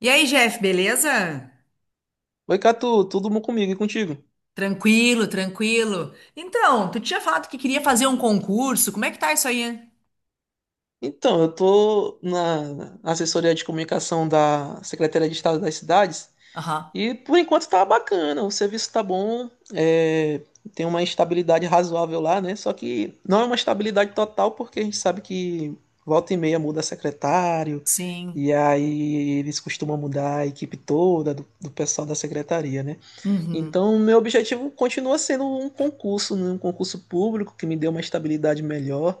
E aí, Jeff, beleza? Oi, Catu, tudo bom comigo e contigo? Tranquilo, tranquilo. Então, tu tinha falado que queria fazer um concurso. Como é que tá isso aí? Então, eu tô na assessoria de comunicação da Secretaria de Estado das Cidades Aham. e por enquanto tá bacana, o serviço tá bom, tem uma estabilidade razoável lá, né? Só que não é uma estabilidade total porque a gente sabe que volta e meia muda secretário Sim. e aí eles costumam mudar a equipe toda do pessoal da secretaria, né? Uhum. Então, meu objetivo continua sendo um concurso, né? Um concurso público que me dê uma estabilidade melhor.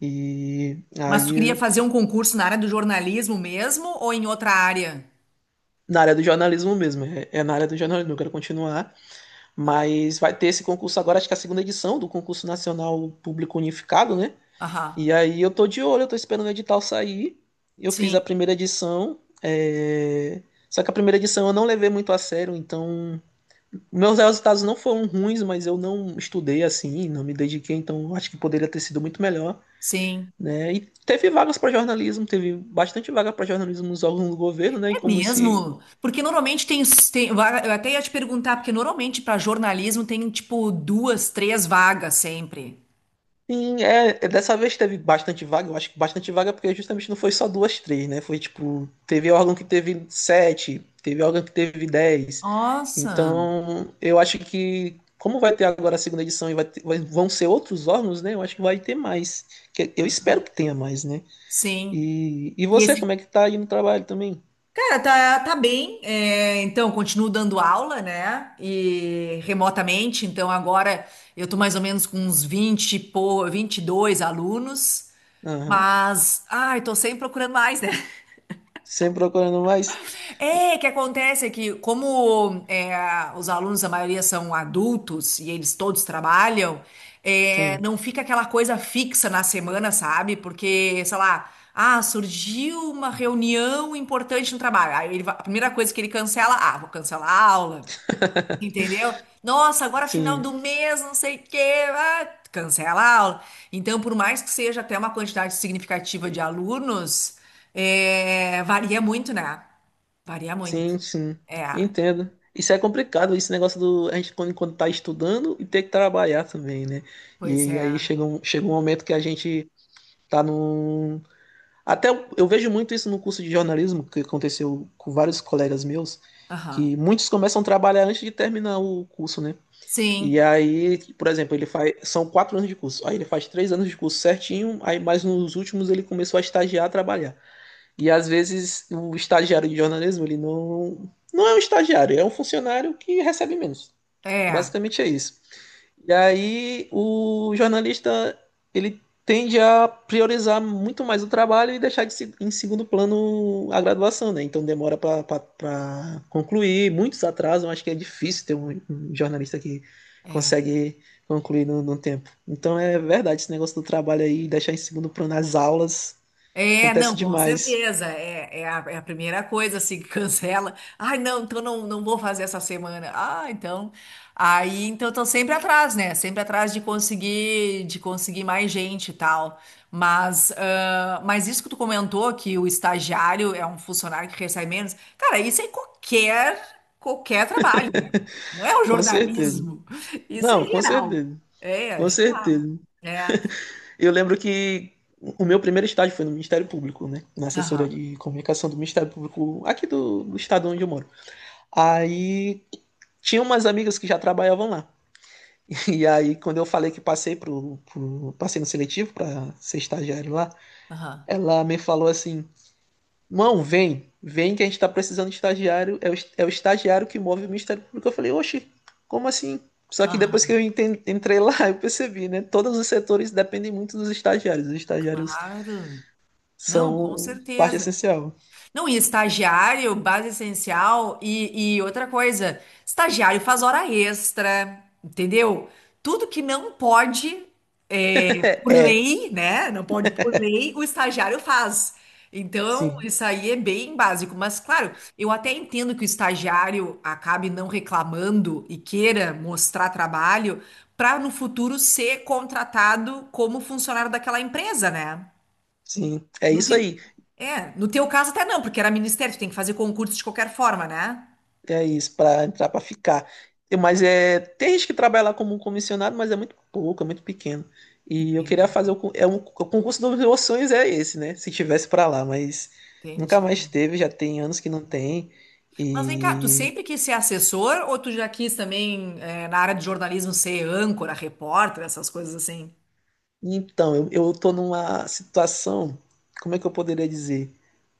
E Mas tu queria aí, fazer um concurso na área do jornalismo mesmo ou em outra área? na área do jornalismo mesmo, é na área do jornalismo, eu quero continuar. Ah. Mas vai ter esse concurso agora, acho que é a segunda edição do concurso nacional público unificado, né? Aham. E aí eu tô de olho, eu tô esperando o edital sair. Eu fiz a Sim, primeira edição, só que a primeira edição eu não levei muito a sério, então meus resultados não foram ruins, mas eu não estudei assim, não me dediquei, então acho que poderia ter sido muito melhor, sim. né? E teve vagas para jornalismo, teve bastante vaga para jornalismo nos órgãos do governo, né? E É como esse. mesmo? Porque normalmente tem, eu até ia te perguntar, porque normalmente para jornalismo tem tipo duas, três vagas sempre. Sim, dessa vez teve bastante vaga, eu acho que bastante vaga, porque justamente não foi só duas, três, né? Foi tipo, teve órgão que teve sete, teve órgão que teve dez. Nossa. Então, eu acho que, como vai ter agora a segunda edição e vão ser outros órgãos, né? Eu acho que vai ter mais. Eu espero que tenha mais, né? Sim. E E você, esse. como é que tá aí no trabalho também? Cara, tá, tá bem. Então, continuo dando aula, né? E remotamente. Então, agora eu tô mais ou menos com uns 22 alunos. Aham. Mas, ai, tô sempre procurando mais, né? Sempre procurando mais? É, que acontece é que, como é, os alunos, a maioria são adultos e eles todos trabalham, Sim, não fica aquela coisa fixa na semana, sabe? Porque, sei lá, ah, surgiu uma reunião importante no trabalho. Aí a primeira coisa que ele cancela, ah, vou cancelar a aula. Entendeu? Nossa, agora final sim. do mês, não sei o quê, ah, cancela a aula. Então, por mais que seja até uma quantidade significativa de alunos, varia muito, né? Varia muito. Sim, sim, É, entendo. Isso é complicado, esse negócio do a gente quando, quando tá estudando e ter que trabalhar também, né? pois E é. aí chega um momento que a gente tá num. Até eu vejo muito isso no curso de jornalismo, que aconteceu com vários colegas meus, Aham. que muitos começam a trabalhar antes de terminar o curso, né? E Sim, aí, por exemplo, ele faz. São quatro anos de curso. Aí ele faz três anos de curso certinho, aí mais nos últimos ele começou a estagiar, a trabalhar. E às vezes o estagiário de jornalismo, ele não é um estagiário, é um funcionário que recebe menos. é, Basicamente é isso. E aí o jornalista, ele tende a priorizar muito mais o trabalho e deixar de se- em segundo plano a graduação, né? Então demora para concluir, muitos atrasam, acho que é difícil ter um jornalista que é. consegue concluir no tempo. Então é verdade, esse negócio do trabalho aí, deixar em segundo plano as aulas, É, acontece não, com demais. certeza. É, é a primeira coisa, assim, que cancela. Ai, não, então não, não vou fazer essa semana. Ah, então. Aí, então, eu tô sempre atrás, né? Sempre atrás de conseguir mais gente e tal. Mas, ah, mas isso que tu comentou, que o estagiário é um funcionário que recebe menos. Cara, isso é em qualquer, qualquer trabalho, né? Não é o Com certeza. jornalismo. Isso é Não, com geral. certeza. É, é Com geral. certeza. É. Eu lembro que o meu primeiro estágio foi no Ministério Público, né? Na assessora Aham, de comunicação do Ministério Público, aqui do estado onde eu moro. Aí tinha umas amigas que já trabalhavam lá. E aí, quando eu falei que passei no seletivo para ser estagiário lá, aham, ela me falou assim: Mão, vem que a gente tá precisando de estagiário. É o estagiário que move o Ministério Público. Eu falei, oxe, como assim? Só que depois que aham. eu entrei lá, eu percebi, né? Todos os setores dependem muito dos estagiários. Os estagiários Claro. Não, com são parte certeza. essencial. Não, e estagiário, base essencial, e outra coisa, estagiário faz hora extra, entendeu? Tudo que não pode, é, por É, lei, né? Não pode por lei, o estagiário faz. Então, sim, isso aí é bem básico. Mas, claro, eu até entendo que o estagiário acabe não reclamando e queira mostrar trabalho para no futuro ser contratado como funcionário daquela empresa, né? sim. É No isso te- aí. é, no teu caso até não, porque era ministério, tu tem que fazer concurso de qualquer forma, né? É isso, para entrar, para ficar. E- Mas é, tem gente que trabalha lá como um comissionado, mas é muito pouco, é muito pequeno. E eu queria Entendi, fazer o concurso dos meus sonhos é esse, né? Se tivesse para lá, mas nunca mais entendi. teve, já tem anos que não tem. Mas vem cá, tu E sempre quis ser assessor ou tu já quis também, na área de jornalismo, ser âncora, repórter, essas coisas assim? então, eu tô numa situação, como é que eu poderia dizer?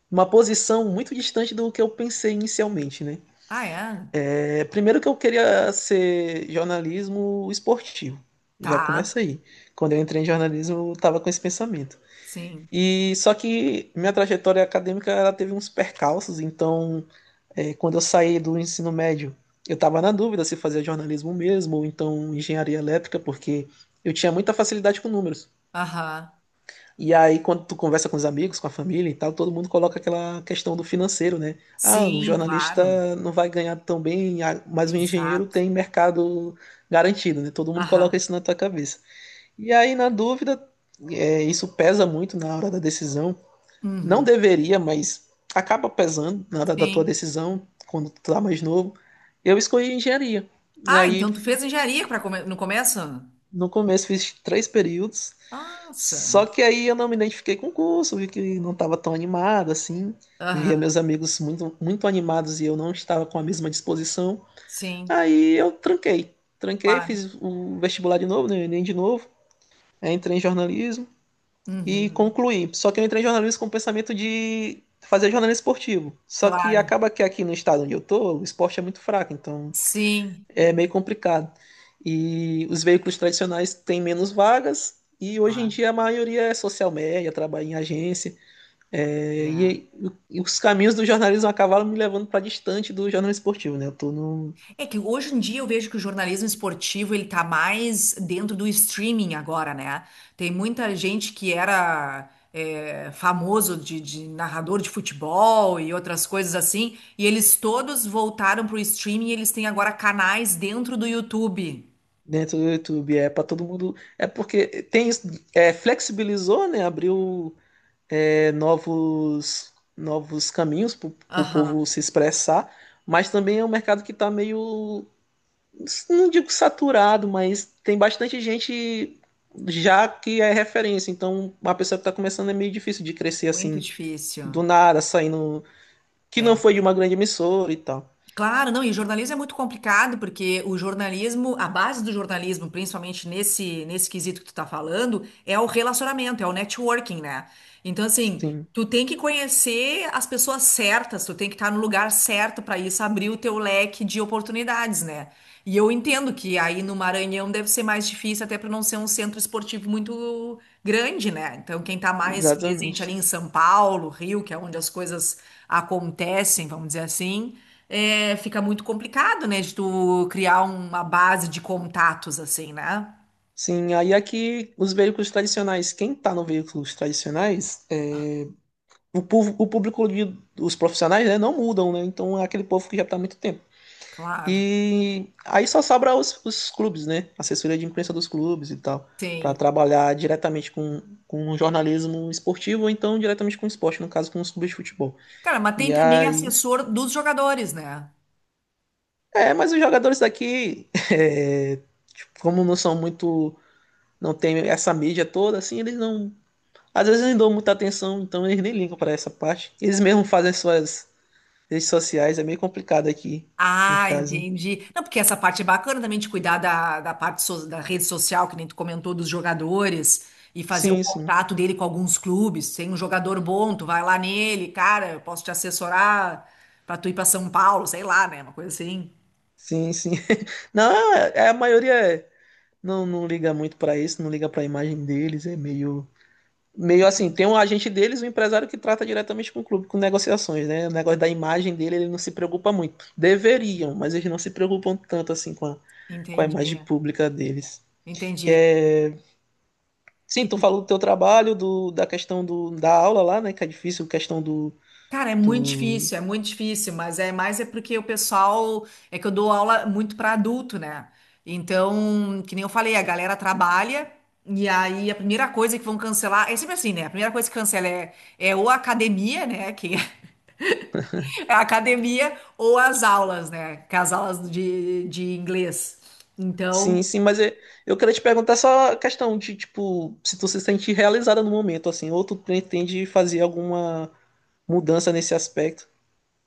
Uma posição muito distante do que eu pensei inicialmente, né? Ah, é? É, primeiro que eu queria ser jornalismo esportivo. Já Tá, começa aí. Quando eu entrei em jornalismo, eu estava com esse pensamento. sim. E só que minha trajetória acadêmica ela teve uns percalços, então quando eu saí do ensino médio, eu estava na dúvida se fazia jornalismo mesmo ou então engenharia elétrica, porque eu tinha muita facilidade com números. Aham. E aí, quando tu conversa com os amigos, com a família e tal, todo mundo coloca aquela questão do financeiro, né? Ah, o Sim, claro. jornalista não vai ganhar tão bem, ah, mas o engenheiro Exato. tem mercado garantido, né? Todo mundo coloca Aham. isso na tua cabeça. E aí, na dúvida, isso pesa muito na hora da decisão. Não Uhum. deveria, mas acaba pesando na hora da tua Sim. decisão, quando tu tá mais novo. Eu escolhi engenharia. E Ah, aí então tu fez engenharia no começo? no começo fiz três períodos, Nossa. só que aí eu não me identifiquei com o curso, vi que não estava tão animado assim, via Aham. meus amigos muito animados e eu não estava com a mesma disposição. Sim, Tranquei, claro. fiz o vestibular de novo, né, o Enem de novo, aí entrei em jornalismo e Uhum. concluí. Só que eu entrei em jornalismo com o pensamento de fazer jornalismo esportivo. Só que Claro. acaba que aqui no estado onde eu tô, o esporte é muito fraco, então Sim, é meio complicado. E os veículos tradicionais têm menos vagas, e hoje em claro. dia a maioria é social media, trabalha em agência, é, É. e, e os caminhos do jornalismo acabaram me levando para distante do jornalismo esportivo, né? Eu tô no, É que hoje em dia eu vejo que o jornalismo esportivo ele tá mais dentro do streaming agora, né? Tem muita gente que famoso de narrador de futebol e outras coisas assim, e eles todos voltaram pro streaming e eles têm agora canais dentro do YouTube. dentro do YouTube, é para todo mundo, é porque tem isso, flexibilizou, né? Abriu novos novos caminhos para o Aham. povo se expressar, mas também é um mercado que está meio não digo saturado, mas tem bastante gente já que é referência. Então, uma pessoa que está começando é meio difícil de crescer Muito assim, difícil. do nada, saindo. Que não É. foi de uma grande emissora e tal. Claro, não, e jornalismo é muito complicado, porque o jornalismo, a base do jornalismo, principalmente nesse quesito que tu tá falando, é o relacionamento, é o networking, né? Então, assim, Sim, tu tem que conhecer as pessoas certas, tu tem que estar no lugar certo para isso abrir o teu leque de oportunidades, né? E eu entendo que aí no Maranhão deve ser mais difícil, até para não ser um centro esportivo muito grande, né? Então, quem está mais presente exatamente. ali em São Paulo, Rio, que é onde as coisas acontecem, vamos dizer assim, fica muito complicado, né? De tu criar uma base de contatos, assim, né? Sim, aí aqui os veículos tradicionais, quem está no veículos tradicionais, o, o público, os profissionais, né, não mudam, né? Então é aquele povo que já está há muito tempo. Claro, E aí só sobra os clubes, né? Assessoria de imprensa dos clubes e tal, para tem. trabalhar diretamente com jornalismo esportivo ou então diretamente com esporte, no caso com os clubes de futebol. Cara, mas tem E também aí. assessor dos jogadores, né? É, mas os jogadores daqui, tipo, como não são muito. Não tem essa mídia toda, assim, eles não. Às vezes não dão muita atenção, então eles nem ligam para essa parte. Eles mesmo fazem suas redes sociais, é meio complicado aqui, no Ah, caso. entendi. Não, porque essa parte é bacana também de cuidar da da rede social, que nem tu comentou, dos jogadores, e fazer o Sim, sim. contato dele com alguns clubes. Tem um jogador bom, tu vai lá nele, cara, eu posso te assessorar pra tu ir pra São Paulo, sei lá, né? Uma coisa assim. Sim, sim. Não, é, é, a maioria é. Não não liga muito pra isso, não liga pra imagem deles, é meio. Meio assim, tem um agente deles, um empresário que trata diretamente com o clube, com negociações, né? O negócio da imagem dele, ele não se preocupa muito. Deveriam, mas eles não se preocupam tanto assim com a Entendi, imagem pública deles. entendi. Sim, tu falou do teu trabalho, da questão da aula lá, né? Que é difícil, questão do, Cara, do... é muito difícil, mas é mais porque o pessoal, é que eu dou aula muito para adulto, né? Então, que nem eu falei, a galera trabalha e aí a primeira coisa que vão cancelar, é sempre assim, né? A primeira coisa que cancela é, é ou a academia, né? Que é a academia ou as aulas, né? Que é as aulas de inglês. Então. Sim, sim, mas eu queria te perguntar só a questão de, tipo, se tu se sente realizada no momento, assim, ou tu pretende fazer alguma mudança nesse aspecto.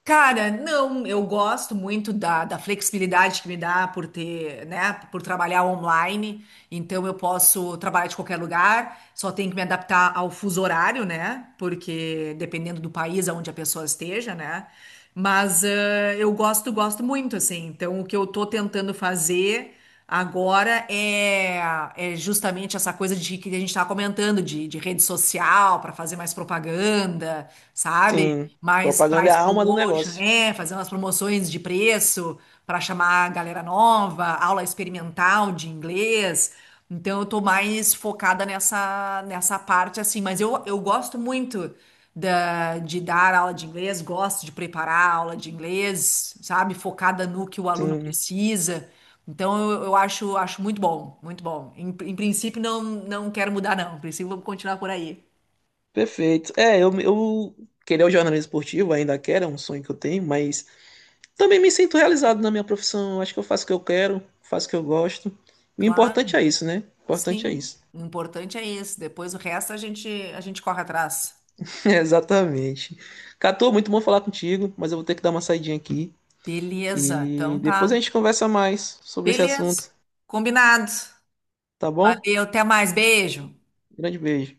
Cara, não, eu gosto muito da flexibilidade que me dá por ter, né, por trabalhar online, então eu posso trabalhar de qualquer lugar, só tenho que me adaptar ao fuso horário, né, porque dependendo do país aonde a pessoa esteja, né, mas eu gosto, gosto muito, assim, então o que eu tô tentando fazer agora é justamente essa coisa de que a gente estava comentando, de rede social para fazer mais propaganda, sabe? Sim, Mais propaganda é price a alma do promotion, negócio. é, fazer umas promoções de preço para chamar a galera nova, aula experimental de inglês. Então eu tô mais focada nessa parte assim, mas eu gosto muito da, de dar aula de inglês, gosto de preparar aula de inglês, sabe? Focada no que o aluno Sim, precisa. Então eu acho, acho muito bom, muito bom. Em princípio, não, não quero mudar, não. Em princípio, vamos continuar por aí. perfeito. Eu queria o jornalismo esportivo, ainda quero, é um sonho que eu tenho, mas também me sinto realizado na minha profissão. Eu Acho que eu faço o que eu quero, faço o que eu gosto. E o Claro, importante é isso, né? O importante é sim. isso. O importante é isso. Depois o resto a gente corre atrás. Exatamente. Catu, muito bom falar contigo, mas eu vou ter que dar uma saidinha aqui. Beleza, E então depois a gente tá. conversa mais sobre esse Beleza. assunto, Combinado. tá bom? Valeu, até mais. Beijo. Grande beijo.